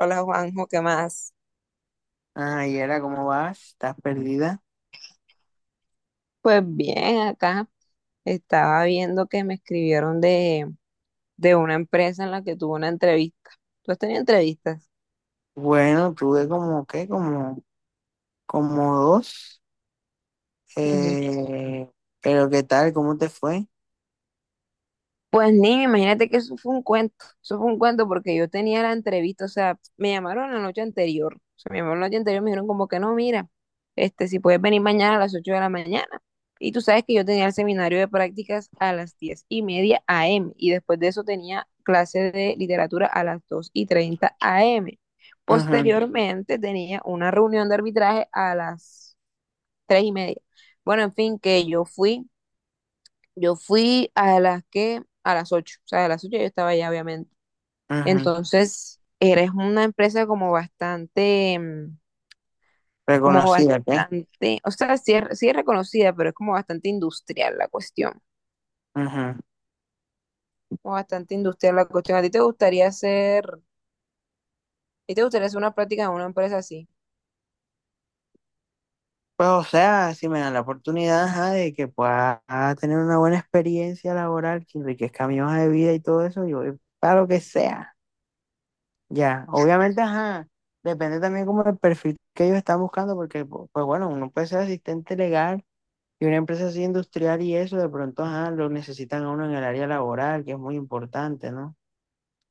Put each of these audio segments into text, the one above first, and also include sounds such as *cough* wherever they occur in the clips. Hola Juanjo, ¿qué más? Ah, y era, ¿cómo vas? ¿Estás perdida? Pues bien, acá estaba viendo que me escribieron de una empresa en la que tuve una entrevista. ¿Tú has tenido entrevistas? Bueno, tuve como, ¿qué? Como, como dos. Eh, pero ¿qué tal? ¿Cómo te fue? Pues niño, imagínate que eso fue un cuento, eso fue un cuento porque yo tenía la entrevista, o sea, me llamaron la noche anterior, me dijeron como que no, mira, si puedes venir mañana a las 8 de la mañana. Y tú sabes que yo tenía el seminario de prácticas a las 10:30 AM y después de eso tenía clase de literatura a las dos y 30 AM. Ujú, Posteriormente tenía una reunión de arbitraje a las 3:30. Bueno, en fin, que yo fui. Yo fui a las 8, o sea, a las 8 yo estaba allá, obviamente. ujú. Entonces, eres una empresa como bastante, como Reconocida, ¿qué? bastante, o sea, sí es reconocida, pero es como bastante industrial la cuestión. Ujú. Como bastante industrial la cuestión. A ti te gustaría hacer una práctica en una empresa así? Pues, o sea, si me dan la oportunidad, ajá, de que pueda tener una buena experiencia laboral, que enriquezca mi hoja de vida y todo eso, yo voy para lo que sea. Ya, obviamente, ajá, depende también como del perfil que ellos están buscando, porque, pues bueno, uno puede ser asistente legal y una empresa así industrial y eso, de pronto, ajá, lo necesitan a uno en el área laboral, que es muy importante, ¿no?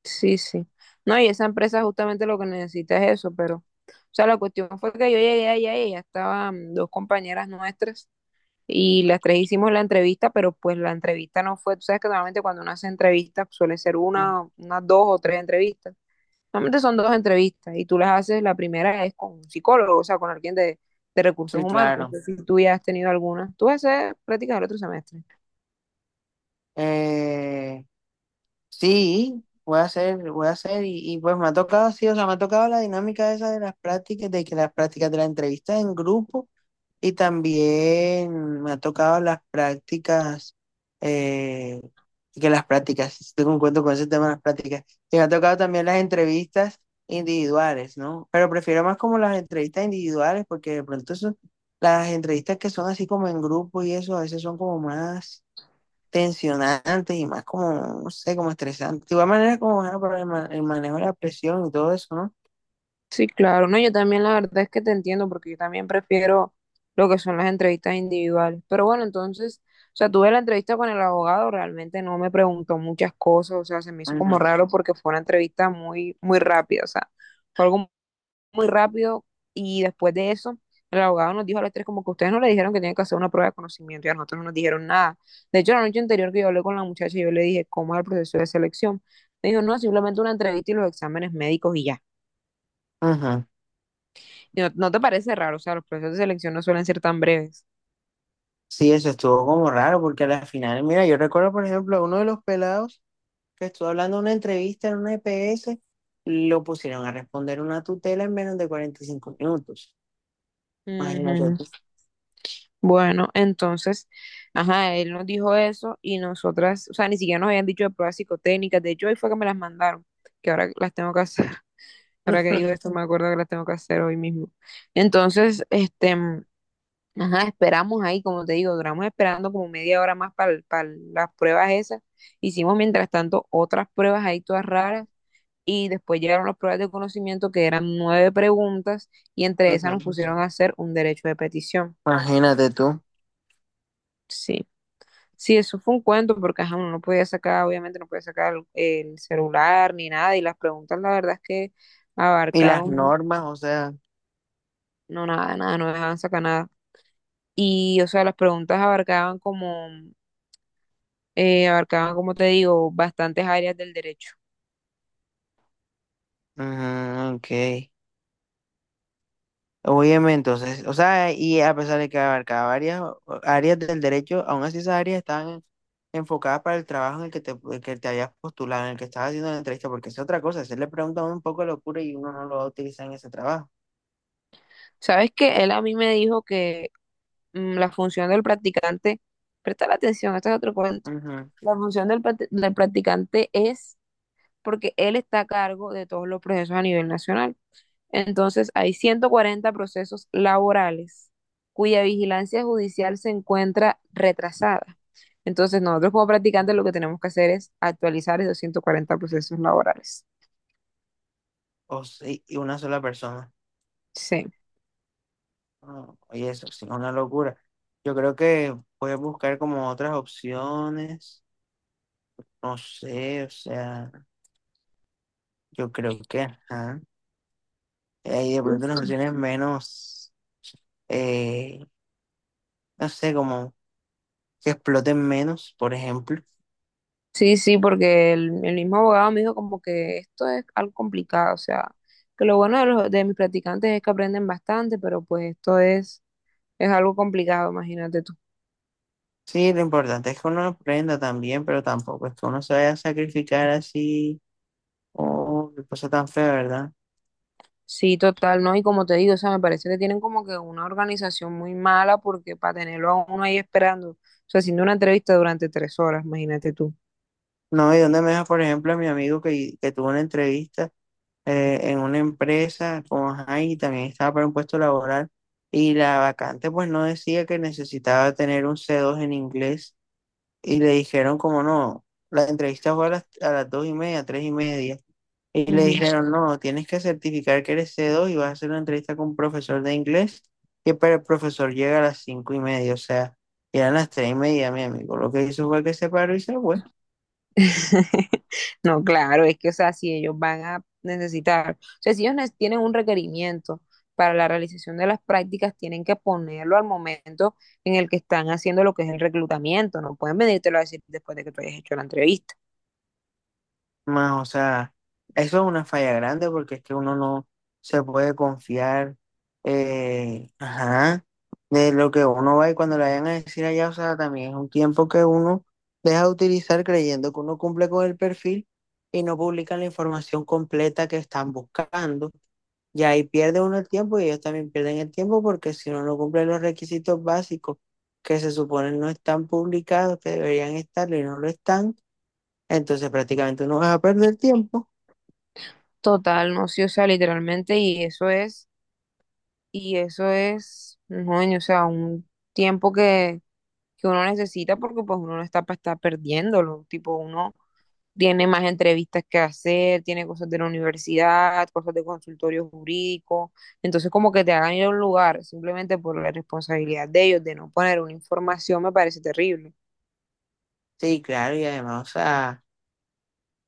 Sí, sí. No, y esa empresa justamente lo que necesita es eso, pero, o sea, la cuestión fue que yo llegué allá y ya estaban dos compañeras nuestras y las tres hicimos la entrevista, pero pues la entrevista no fue, tú sabes que normalmente cuando uno hace entrevistas pues, suele ser Ujú. Unas dos o tres entrevistas. Normalmente son dos entrevistas y tú las haces, la primera es con un psicólogo, o sea, con alguien de recursos Sí, humanos. No claro. sé si tú ya has tenido alguna. Tú vas a hacer prácticas el otro semestre. Eh, sí, voy a hacer, y pues me ha tocado, sí, o sea, me ha tocado la dinámica esa de las prácticas, de que las prácticas de la entrevista en grupo, y también me ha tocado las prácticas, eh, que las prácticas, sí, tengo un cuento con ese tema de las prácticas, y me ha tocado también las entrevistas individuales, ¿no? Pero prefiero más como las entrevistas individuales, porque de pronto eso, las entrevistas que son así como en grupo y eso, a veces son como más tensionantes y más como, no sé, como estresantes. De igual manera como ah, para el, el manejo de la presión y todo eso, ¿no? Sí, claro, no, yo también la verdad es que te entiendo porque yo también prefiero lo que son las entrevistas individuales. Pero bueno, entonces, o sea, tuve la entrevista con el abogado, realmente no me preguntó muchas cosas, o sea, se me hizo como Ujú. raro porque fue una entrevista muy, muy rápida, o sea, fue algo muy rápido y después de eso, el abogado nos dijo a las tres como que ustedes no le dijeron que tienen que hacer una prueba de conocimiento y a nosotros no nos dijeron nada. De hecho, la noche anterior que yo hablé con la muchacha, yo le dije, ¿cómo es el proceso de selección? Me dijo, no, simplemente una entrevista y los exámenes médicos y ya. Ujú. ¿No, no te parece raro? O sea, los procesos de selección no suelen ser tan breves. Sí, eso estuvo como raro porque a la final, mira, yo recuerdo, por ejemplo, a uno de los pelados que estuvo hablando en una entrevista en una EPS, lo pusieron a responder una tutela en menos de 45 minutos. Imagínate Ujú. tú. Bueno, entonces, ajá, él nos dijo eso y nosotras, o sea, ni siquiera nos habían dicho de pruebas psicotécnicas. De hecho, hoy fue que me las mandaron, que ahora las tengo que hacer. *laughs* Ahora que digo esto, *laughs* me acuerdo que las tengo que hacer hoy mismo. Entonces, ajá, esperamos ahí, como te digo, duramos esperando como media hora más para las pruebas esas. Hicimos mientras tanto otras pruebas ahí todas raras y después llegaron las pruebas de conocimiento que eran nueve preguntas y entre esas nos Ujú. pusieron a hacer un derecho de petición. Imagínate tú. Sí, sí, eso fue un cuento porque ajá, uno no podía sacar, obviamente no podía sacar el celular ni nada y las preguntas la verdad es que Y las abarcaron, normas, o sea, no nada, nada, no dejaban sacar nada. Y o sea, las preguntas abarcaban como te digo, bastantes áreas del derecho. ujú, ok. Óyeme, entonces, o sea, y a pesar de que abarcaba varias áreas del derecho, aún así esas áreas estaban enfocadas para el trabajo en el que te habías postulado, en el que estabas haciendo la entrevista, porque es otra cosa, se le pregunta a uno un poco de locura y uno no lo va a utilizar en ese trabajo. ¿Sabes que él a mí me dijo que la función del practicante, presta la atención, este es otro cuento? Ujú. La función del del practicante es porque él está a cargo de todos los procesos a nivel nacional. Entonces, hay 140 procesos laborales cuya vigilancia judicial se encuentra retrasada. Entonces, nosotros como practicantes lo que tenemos que hacer es actualizar esos 140 procesos laborales. O sí, y una sola persona. Sí. No, oye, eso sí, es una locura. Yo creo que puedes buscar como otras opciones, no sé, o sea, yo creo que, ajá, hay de pronto unas opciones menos... Eh, no sé, como que exploten menos, por ejemplo. Sí, sí, porque el mismo abogado me dijo como que esto es algo complicado, o sea, que lo bueno de mis practicantes es que aprenden bastante, pero pues esto es algo complicado, imagínate tú. Sí, lo importante es que uno aprenda también, pero tampoco es que uno se vaya a sacrificar así o qué cosa tan fea, ¿verdad? Sí, total, ¿no? Y como te digo, o sea, me parece que tienen como que una organización muy mala porque para tenerlo a uno ahí esperando, o sea, haciendo una entrevista durante 3 horas, imagínate tú. No, y donde me deja, por ejemplo, a mi amigo que tuvo una entrevista en una empresa con Jaime y también estaba para un puesto laboral y la vacante pues no decía que necesitaba tener un C2 en inglés y le dijeron como no, la entrevista fue a las 2:30, 3:30. Y le Ujú. dijeron, no, tienes que certificar que eres C2 y vas a hacer una entrevista con un profesor de inglés, que para el profesor llega a las 5:30, o sea, eran las 3:30, mi amigo. Lo que hizo fue que se paró y se fue. *laughs* No, claro, es que, o sea, si ellos van a necesitar, o sea, si ellos tienen un requerimiento para la realización de las prácticas, tienen que ponerlo al momento en el que están haciendo lo que es el reclutamiento, no pueden venírtelo a decir después de que tú hayas hecho la entrevista. Más, o sea, eso es una falla grande porque es que uno no se puede confiar, ajá, de lo que uno va y cuando le vayan a decir allá, o sea, también es un tiempo que uno deja de utilizar creyendo que uno cumple con el perfil y no publican la información completa que están buscando. Y ahí pierde uno el tiempo y ellos también pierden el tiempo porque si uno no cumple los requisitos básicos que se supone no están publicados, que deberían estarlo y no lo están, entonces prácticamente uno va a perder tiempo. Total, no, sí, o sea, literalmente, y eso es. Y eso es, coño, o sea, un tiempo que uno necesita porque pues uno no está para estar perdiéndolo. Tipo, uno tiene más entrevistas que hacer, tiene cosas de la universidad, cosas de consultorio jurídico. Entonces, como que te hagan ir a un lugar simplemente por la responsabilidad de ellos de no poner una información me parece terrible. Sí, claro, y además, o sea,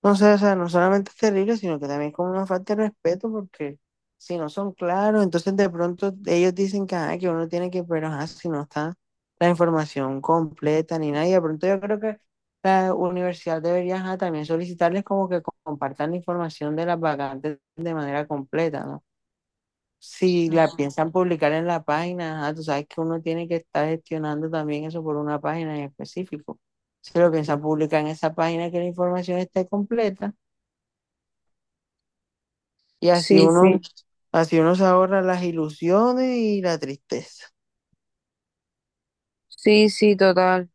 no sé, o sea, no solamente es terrible, sino que también es como una falta de respeto porque si no son claros, entonces de pronto ellos dicen que, ajá, que uno tiene que, pero ajá, si no está la información completa ni nada, y de pronto yo creo que la universidad debería ajá, también solicitarles como que compartan la información de las vacantes de manera completa, ¿no? Si la piensan publicar en la página, ajá, tú sabes que uno tiene que estar gestionando también eso por una página en específico. Si lo piensan publicar en esa página que la información esté completa y Sí, sí. así uno se ahorra las ilusiones y la tristeza. Sí, sí, total.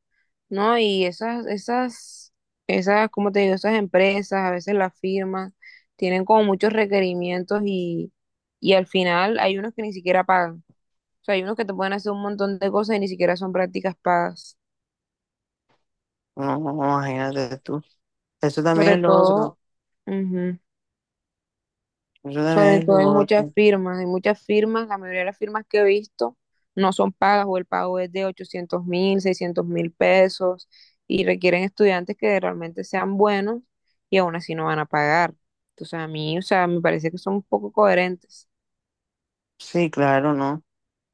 No, y esas, ¿cómo te digo? Esas empresas, a veces las firmas, tienen como muchos requerimientos y al final hay unos que ni siquiera pagan. O sea, hay unos que te pueden hacer un montón de cosas y ni siquiera son prácticas pagas. No, no, no, imagínate tú. Eso también Sobre es lo otro. todo, ujú, Eso también sobre es todo lo hay muchas otro. firmas, la mayoría de las firmas que he visto no son pagas o el pago es de 800.000, 600.000 pesos y requieren estudiantes que realmente sean buenos y aún así no van a pagar. Entonces a mí, o sea, me parece que son un poco coherentes. Sí, claro, no.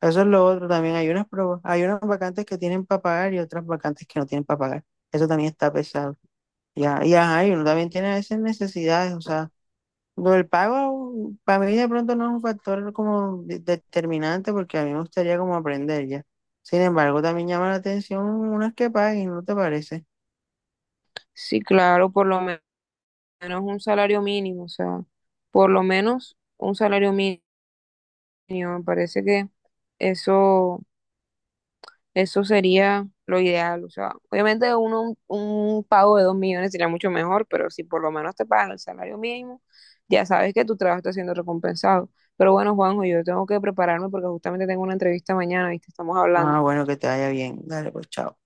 Eso es lo otro también. Hay unas pro- hay unas vacantes que tienen para pagar y otras vacantes que no tienen para pagar. Eso también está pesado. Ya, y ajá, y uno también tiene a veces necesidades. O sea, lo del pago para mí de pronto no es un factor como determinante porque a mí me gustaría como aprender ya. Sin embargo, también llama la atención unas que paguen, ¿no te parece? Sí, claro, menos un salario mínimo, o sea, por lo menos un salario mínimo, me parece que eso Eso sería lo ideal. O sea, obviamente uno, un pago de 2 millones sería mucho mejor, pero si por lo menos te pagan el salario mínimo, ya sabes que tu trabajo está siendo recompensado. Pero bueno, Juanjo, yo tengo que prepararme porque justamente tengo una entrevista mañana, ¿viste? Estamos Ah, hablando. bueno, que te vaya bien. Dale, pues chao.